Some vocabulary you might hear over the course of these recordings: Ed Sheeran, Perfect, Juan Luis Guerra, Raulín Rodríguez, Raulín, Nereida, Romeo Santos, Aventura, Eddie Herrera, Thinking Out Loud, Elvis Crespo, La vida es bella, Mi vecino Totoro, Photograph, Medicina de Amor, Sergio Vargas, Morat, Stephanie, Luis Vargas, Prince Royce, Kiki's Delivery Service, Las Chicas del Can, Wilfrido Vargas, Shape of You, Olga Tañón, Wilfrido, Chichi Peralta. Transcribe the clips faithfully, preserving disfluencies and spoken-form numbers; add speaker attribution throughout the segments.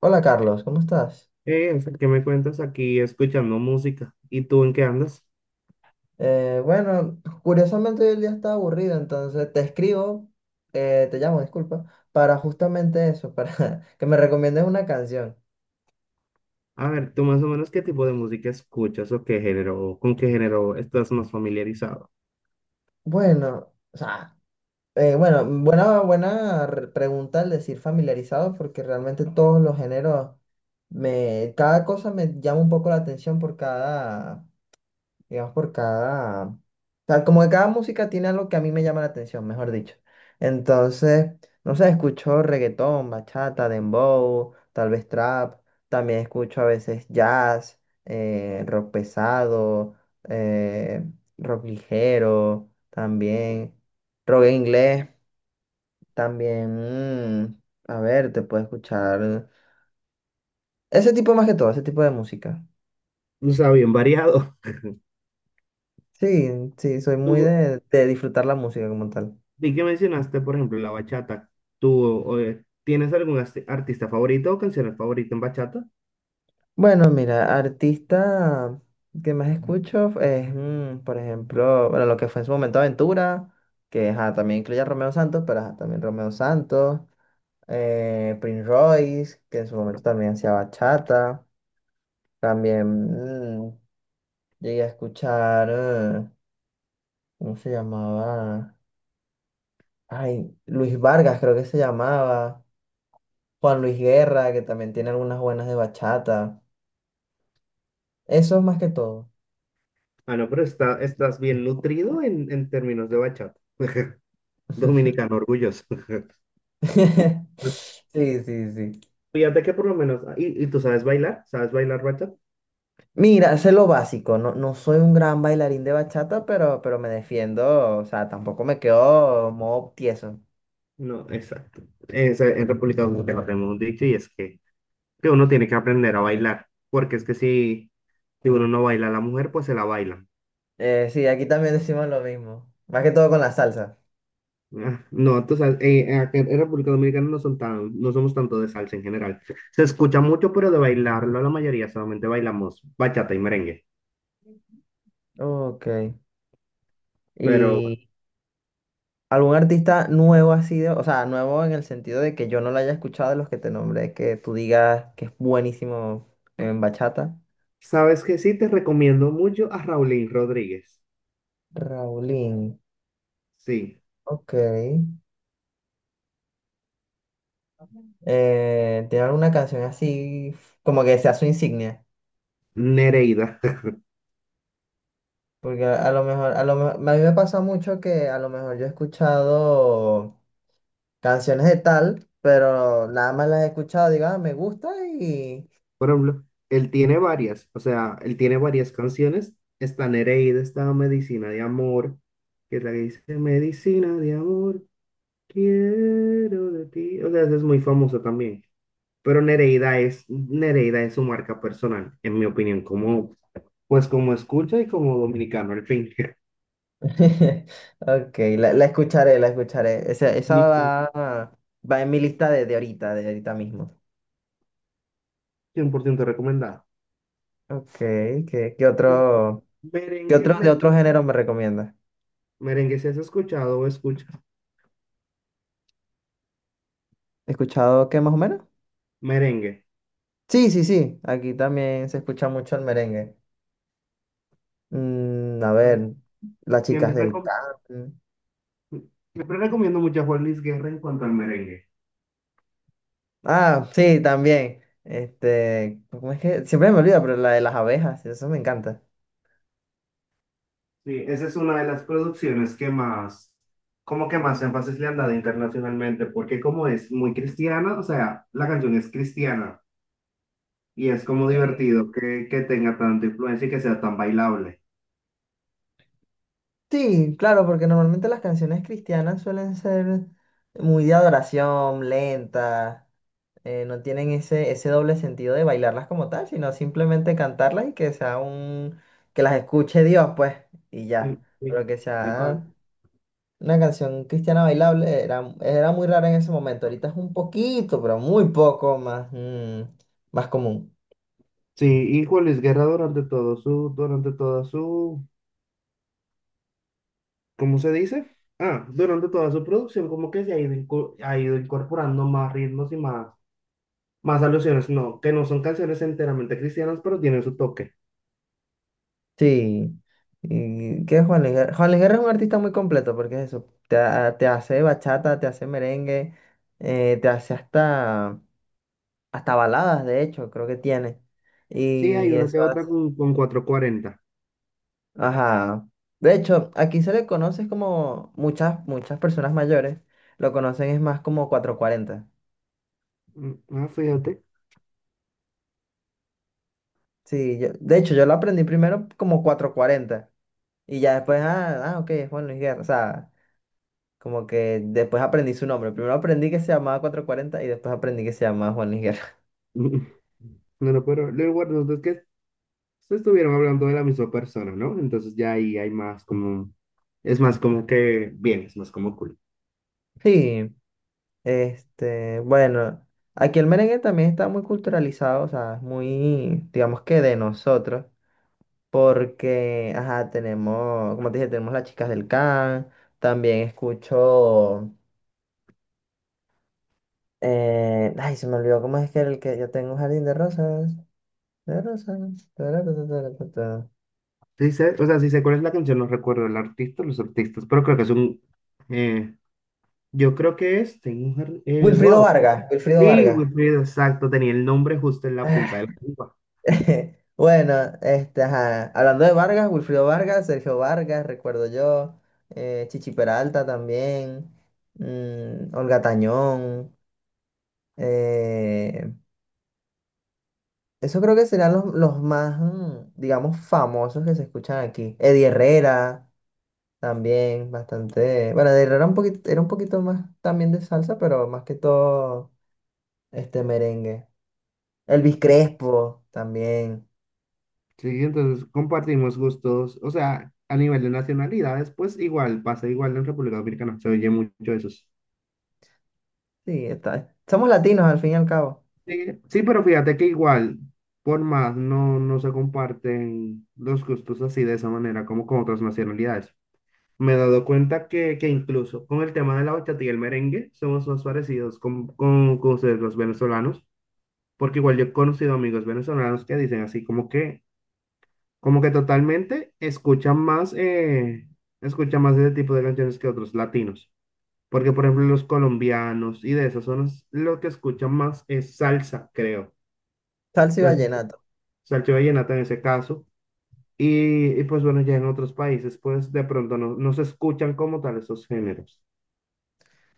Speaker 1: Hola Carlos, ¿cómo estás?
Speaker 2: Eh, o sea, ¿qué me cuentas aquí escuchando música? ¿Y tú en qué andas?
Speaker 1: Eh, bueno, curiosamente hoy el día está aburrido, entonces te escribo, eh, te llamo, disculpa, para justamente eso, para que me recomiendes una canción.
Speaker 2: A ver, tú más o menos qué tipo de música escuchas o qué género, o con qué género estás más familiarizado.
Speaker 1: Bueno, o sea, eh, bueno, buena, buena re- pregunta al decir familiarizado, porque realmente todos los géneros, me, cada cosa me llama un poco la atención por cada, digamos, por cada, o sea, como que cada música tiene algo que a mí me llama la atención, mejor dicho. Entonces, no sé, escucho reggaetón, bachata, dembow, tal vez trap, también escucho a veces jazz, eh, rock pesado, eh, rock ligero, también rock en inglés, también, mm, a ver, te puedo escuchar ese tipo más que todo, ese tipo de música.
Speaker 2: O sea, bien variado.
Speaker 1: Sí, sí, soy muy
Speaker 2: Tú,
Speaker 1: de, de disfrutar la música como tal.
Speaker 2: vi que mencionaste, por ejemplo, la bachata. ¿Tú o, eh, tienes algún asti- artista favorito o canción favorita en bachata?
Speaker 1: Bueno, mira, artista que más escucho es, mm, por ejemplo, bueno, lo que fue en su momento Aventura, que ajá, también incluye a Romeo Santos, pero ajá, también Romeo Santos, eh, Prince Royce, que en su momento también hacía bachata, también mm, llegué a escuchar, eh, ¿cómo se llamaba? Ay, Luis Vargas creo que se llamaba, Juan Luis Guerra, que también tiene algunas buenas de bachata, eso es más que todo.
Speaker 2: Ah, no, pero está, estás bien nutrido en, en términos de bachata. Dominicano orgulloso.
Speaker 1: Sí, sí, sí.
Speaker 2: Fíjate que por lo menos, ah, ¿y, y tú sabes bailar? ¿Sabes bailar bachata?
Speaker 1: Mira, sé lo básico, no, no soy un gran bailarín de bachata, pero, pero me defiendo, o sea, tampoco me quedo modo tieso.
Speaker 2: No, exacto. Es, eh, en República Dominicana tenemos un dicho y es que, que uno tiene que aprender a bailar, porque es que si, si uno no baila a la mujer, pues se la bailan.
Speaker 1: Eh, sí, aquí también decimos lo mismo, más que todo con la salsa.
Speaker 2: Ah, no, tú sabes, eh, acá en República Dominicana no son tan, no somos tanto de salsa en general. Se escucha mucho, pero de bailarlo la mayoría solamente bailamos bachata y merengue.
Speaker 1: Ok.
Speaker 2: Pero
Speaker 1: ¿Y algún artista nuevo ha sido, o sea, nuevo en el sentido de que yo no lo haya escuchado de los que te nombré, que tú digas que es buenísimo en bachata?
Speaker 2: sabes que sí, te recomiendo mucho a Raulín Rodríguez.
Speaker 1: Raulín,
Speaker 2: Sí,
Speaker 1: ok. Eh, ¿tiene alguna canción así como que sea su insignia?
Speaker 2: Nereida.
Speaker 1: Porque a, a lo mejor, a lo mejor, a mí me pasa mucho que a lo mejor yo he escuchado canciones de tal, pero nada más las he escuchado, digo, ah, me gusta y...
Speaker 2: Por ejemplo, él tiene varias, o sea, él tiene varias canciones. Está Nereida, está Medicina de Amor, que es la que dice Medicina de Amor, quiero de ti. O sea, ese es muy famoso también. Pero Nereida es, Nereida es su marca personal, en mi opinión, como, pues como escucha y como dominicano, al fin.
Speaker 1: Ok, la, la escucharé, la escucharé. Esa, esa
Speaker 2: Y
Speaker 1: va, va en mi lista de, de ahorita, de ahorita mismo.
Speaker 2: cien por ciento recomendado.
Speaker 1: Ok, ¿qué, qué
Speaker 2: Entonces,
Speaker 1: otro, qué
Speaker 2: merengue,
Speaker 1: otro de otro género me recomiendas?
Speaker 2: merengue, si has escuchado o escuchas
Speaker 1: ¿He escuchado qué más o menos?
Speaker 2: merengue,
Speaker 1: Sí, sí, sí, aquí también se escucha mucho el merengue. Mm, a
Speaker 2: pues
Speaker 1: ver, las chicas
Speaker 2: siempre,
Speaker 1: del
Speaker 2: recom-
Speaker 1: can.
Speaker 2: siempre recomiendo mucho a Juan Luis Guerra en cuanto al merengue.
Speaker 1: Ah, sí, también. Este, ¿cómo es que? Siempre me olvida, pero la de las abejas, eso me encanta.
Speaker 2: Sí, esa es una de las producciones que más, como que más énfasis le han dado internacionalmente, porque como es muy cristiana, o sea, la canción es cristiana y es como
Speaker 1: Sí,
Speaker 2: divertido que, que tenga tanta influencia y que sea tan bailable.
Speaker 1: sí, claro, porque normalmente las canciones cristianas suelen ser muy de adoración, lentas, eh, no tienen ese, ese doble sentido de bailarlas como tal, sino simplemente cantarlas y que sea un, que las escuche Dios, pues, y
Speaker 2: Mm,
Speaker 1: ya.
Speaker 2: sí,
Speaker 1: Pero que
Speaker 2: tal cual.
Speaker 1: sea una canción cristiana bailable era, era muy rara en ese momento. Ahorita es un poquito, pero muy poco más, mm, más común.
Speaker 2: Sí, y Juan Luis Guerra durante todo su, durante toda su ¿cómo se dice? Ah, durante toda su producción como que se ha ido, inco- ha ido incorporando más ritmos y más, más alusiones, no, que no son canciones enteramente cristianas, pero tienen su toque.
Speaker 1: Sí, y que Juan Luis Guerra. Juan Luis Guerra es un artista muy completo porque es eso, te, ha- te hace bachata, te hace merengue, eh, te hace hasta, hasta baladas, de hecho, creo que tiene.
Speaker 2: Sí, hay
Speaker 1: Y
Speaker 2: una que
Speaker 1: eso
Speaker 2: otra
Speaker 1: hace,
Speaker 2: con, con cuatrocientos cuarenta.
Speaker 1: ajá. De hecho, aquí se le conoce como muchas, muchas personas mayores, lo conocen es más como cuatrocientos cuarenta.
Speaker 2: Mm, ah, fíjate.
Speaker 1: Sí, yo, de hecho, yo lo aprendí primero como cuatrocientos cuarenta y ya después, ah, ah, ok, es Juan Luis Guerra, o sea. Como que después aprendí su nombre. Primero aprendí que se llamaba cuatrocientos cuarenta y después aprendí que se llamaba Juan Luis Guerra.
Speaker 2: Mm, no, no, pero lo importante es que se estuvieron hablando de la misma persona, ¿no? Entonces ya ahí hay más como, es más como que, bien, es más como cool.
Speaker 1: Sí, este, bueno, aquí el merengue también está muy culturalizado, o sea, es muy, digamos que de nosotros, porque, ajá, tenemos, como te dije, tenemos las chicas del can, también escucho, eh, ay, se me olvidó cómo es que era el que yo tengo un jardín de rosas, de rosas. Tarara, tarara, tarara.
Speaker 2: Sí sé, o sea, sí sé cuál es la canción, no recuerdo el artista, los artistas, pero creo que es un, eh, yo creo que es, tengo un, jardín, eh,
Speaker 1: Wilfrido
Speaker 2: wow.
Speaker 1: Vargas, Wilfrido
Speaker 2: Sí,
Speaker 1: Vargas.
Speaker 2: Wilfrido, exacto, tenía el nombre justo en la punta de la lengua.
Speaker 1: Bueno, este, ajá, hablando de Vargas, Wilfrido Vargas, Sergio Vargas, recuerdo yo, eh, Chichi Peralta también, mm, Olga Tañón, eh, eso creo que serán los, los más, mm, digamos, famosos que se escuchan aquí. Eddie Herrera también, bastante, bueno, Eddie Herrera un poquito, era un poquito más también de salsa, pero más que todo, este, merengue. Elvis
Speaker 2: Sí,
Speaker 1: Crespo también,
Speaker 2: sí, entonces compartimos gustos, o sea, a nivel de nacionalidades, pues igual, pasa igual en República Dominicana, se oye mucho eso.
Speaker 1: sí, está, somos latinos al fin y al cabo,
Speaker 2: Sí, sí, pero fíjate que igual, por más, no, no se comparten los gustos así de esa manera como con otras nacionalidades. Me he dado cuenta que, que incluso con el tema de la bachata y el merengue somos más parecidos con, con, con ustedes los venezolanos, porque igual yo he conocido amigos venezolanos que dicen así como que como que totalmente escuchan más, eh, escuchan más ese tipo de canciones que otros latinos. Porque, por ejemplo, los colombianos y de esas zonas, lo que escuchan más es salsa, creo. O
Speaker 1: salsa y
Speaker 2: sea,
Speaker 1: vallenato.
Speaker 2: salsa y vallenata en ese caso. Y, y, pues bueno, ya en otros países, pues de pronto no, no se escuchan como tal esos géneros.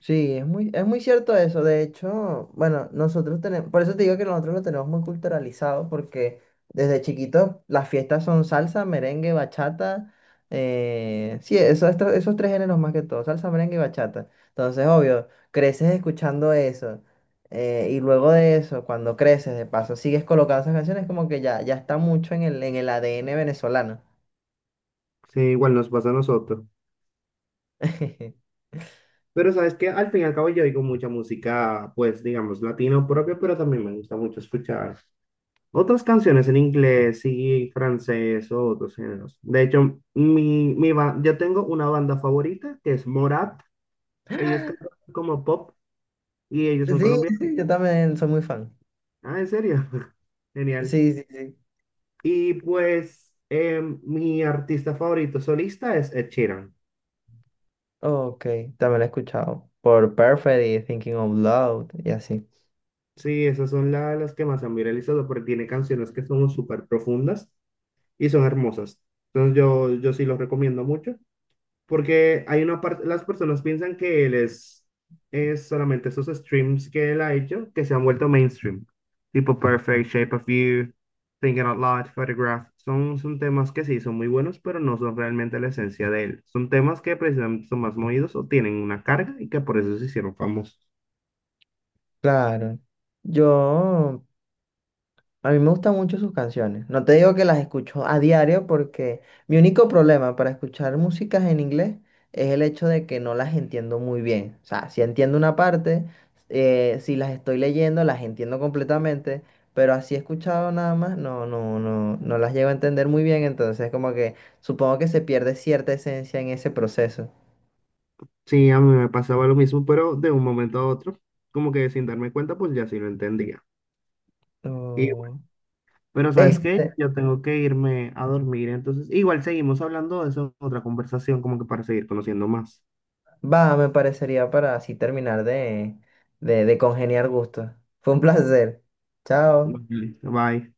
Speaker 1: Sí, es muy, es muy cierto eso. De hecho, bueno, nosotros tenemos, por eso te digo que nosotros lo tenemos muy culturalizado, porque desde chiquitos las fiestas son salsa, merengue, bachata. Eh, sí, eso, esto- esos tres géneros más que todo, salsa, merengue y bachata. Entonces, obvio, creces escuchando eso. Eh, y luego de eso, cuando creces, de paso, sigues colocando esas canciones, como que ya, ya está mucho en el, en el A D N venezolano.
Speaker 2: Sí, igual nos pasa a nosotros. Pero sabes que al fin y al cabo yo oigo mucha música, pues digamos, latino propio, pero también me gusta mucho escuchar otras canciones en inglés y francés o otros géneros. De hecho, mi, mi ba- yo tengo una banda favorita que es Morat. Ellos cantan como pop y ellos son
Speaker 1: Sí,
Speaker 2: colombianos.
Speaker 1: sí, yo también soy muy fan.
Speaker 2: Ah, ¿en serio? Genial.
Speaker 1: Sí, sí, sí.
Speaker 2: Y pues em, mi artista favorito solista es Ed Sheeran.
Speaker 1: Ok, también lo he escuchado. Por Perfect y Thinking Out Loud y así.
Speaker 2: Sí, esas son la- las que más han viralizado porque tiene canciones que son súper profundas y son hermosas. Entonces yo, yo sí los recomiendo mucho. Porque hay una parte, las personas piensan que él es, es solamente esos streams que él ha hecho que se han vuelto mainstream. Tipo Perfect, Shape of You, Thinking Out Loud, Photograph. Son, son temas que sí son muy buenos, pero no son realmente la esencia de él. Son temas que precisamente son más movidos o tienen una carga y que por eso se hicieron famosos.
Speaker 1: Claro. Yo, a mí me gustan mucho sus canciones. No te digo que las escucho a diario porque mi único problema para escuchar músicas en inglés es el hecho de que no las entiendo muy bien. O sea, si entiendo una parte, eh, si las estoy leyendo, las entiendo completamente, pero así escuchado nada más, no, no, no, no las llego a entender muy bien. Entonces, como que supongo que se pierde cierta esencia en ese proceso.
Speaker 2: Sí, a mí me pasaba lo mismo, pero de un momento a otro, como que sin darme cuenta, pues ya sí lo entendía. Y
Speaker 1: Oh.
Speaker 2: pero ¿sabes qué?
Speaker 1: Este,
Speaker 2: Yo tengo que irme a dormir, entonces igual seguimos hablando de eso en otra conversación, como que para seguir conociendo más.
Speaker 1: va, me parecería para así terminar de, de, de congeniar gustos. Fue un placer. Chao.
Speaker 2: Ujú. Bye.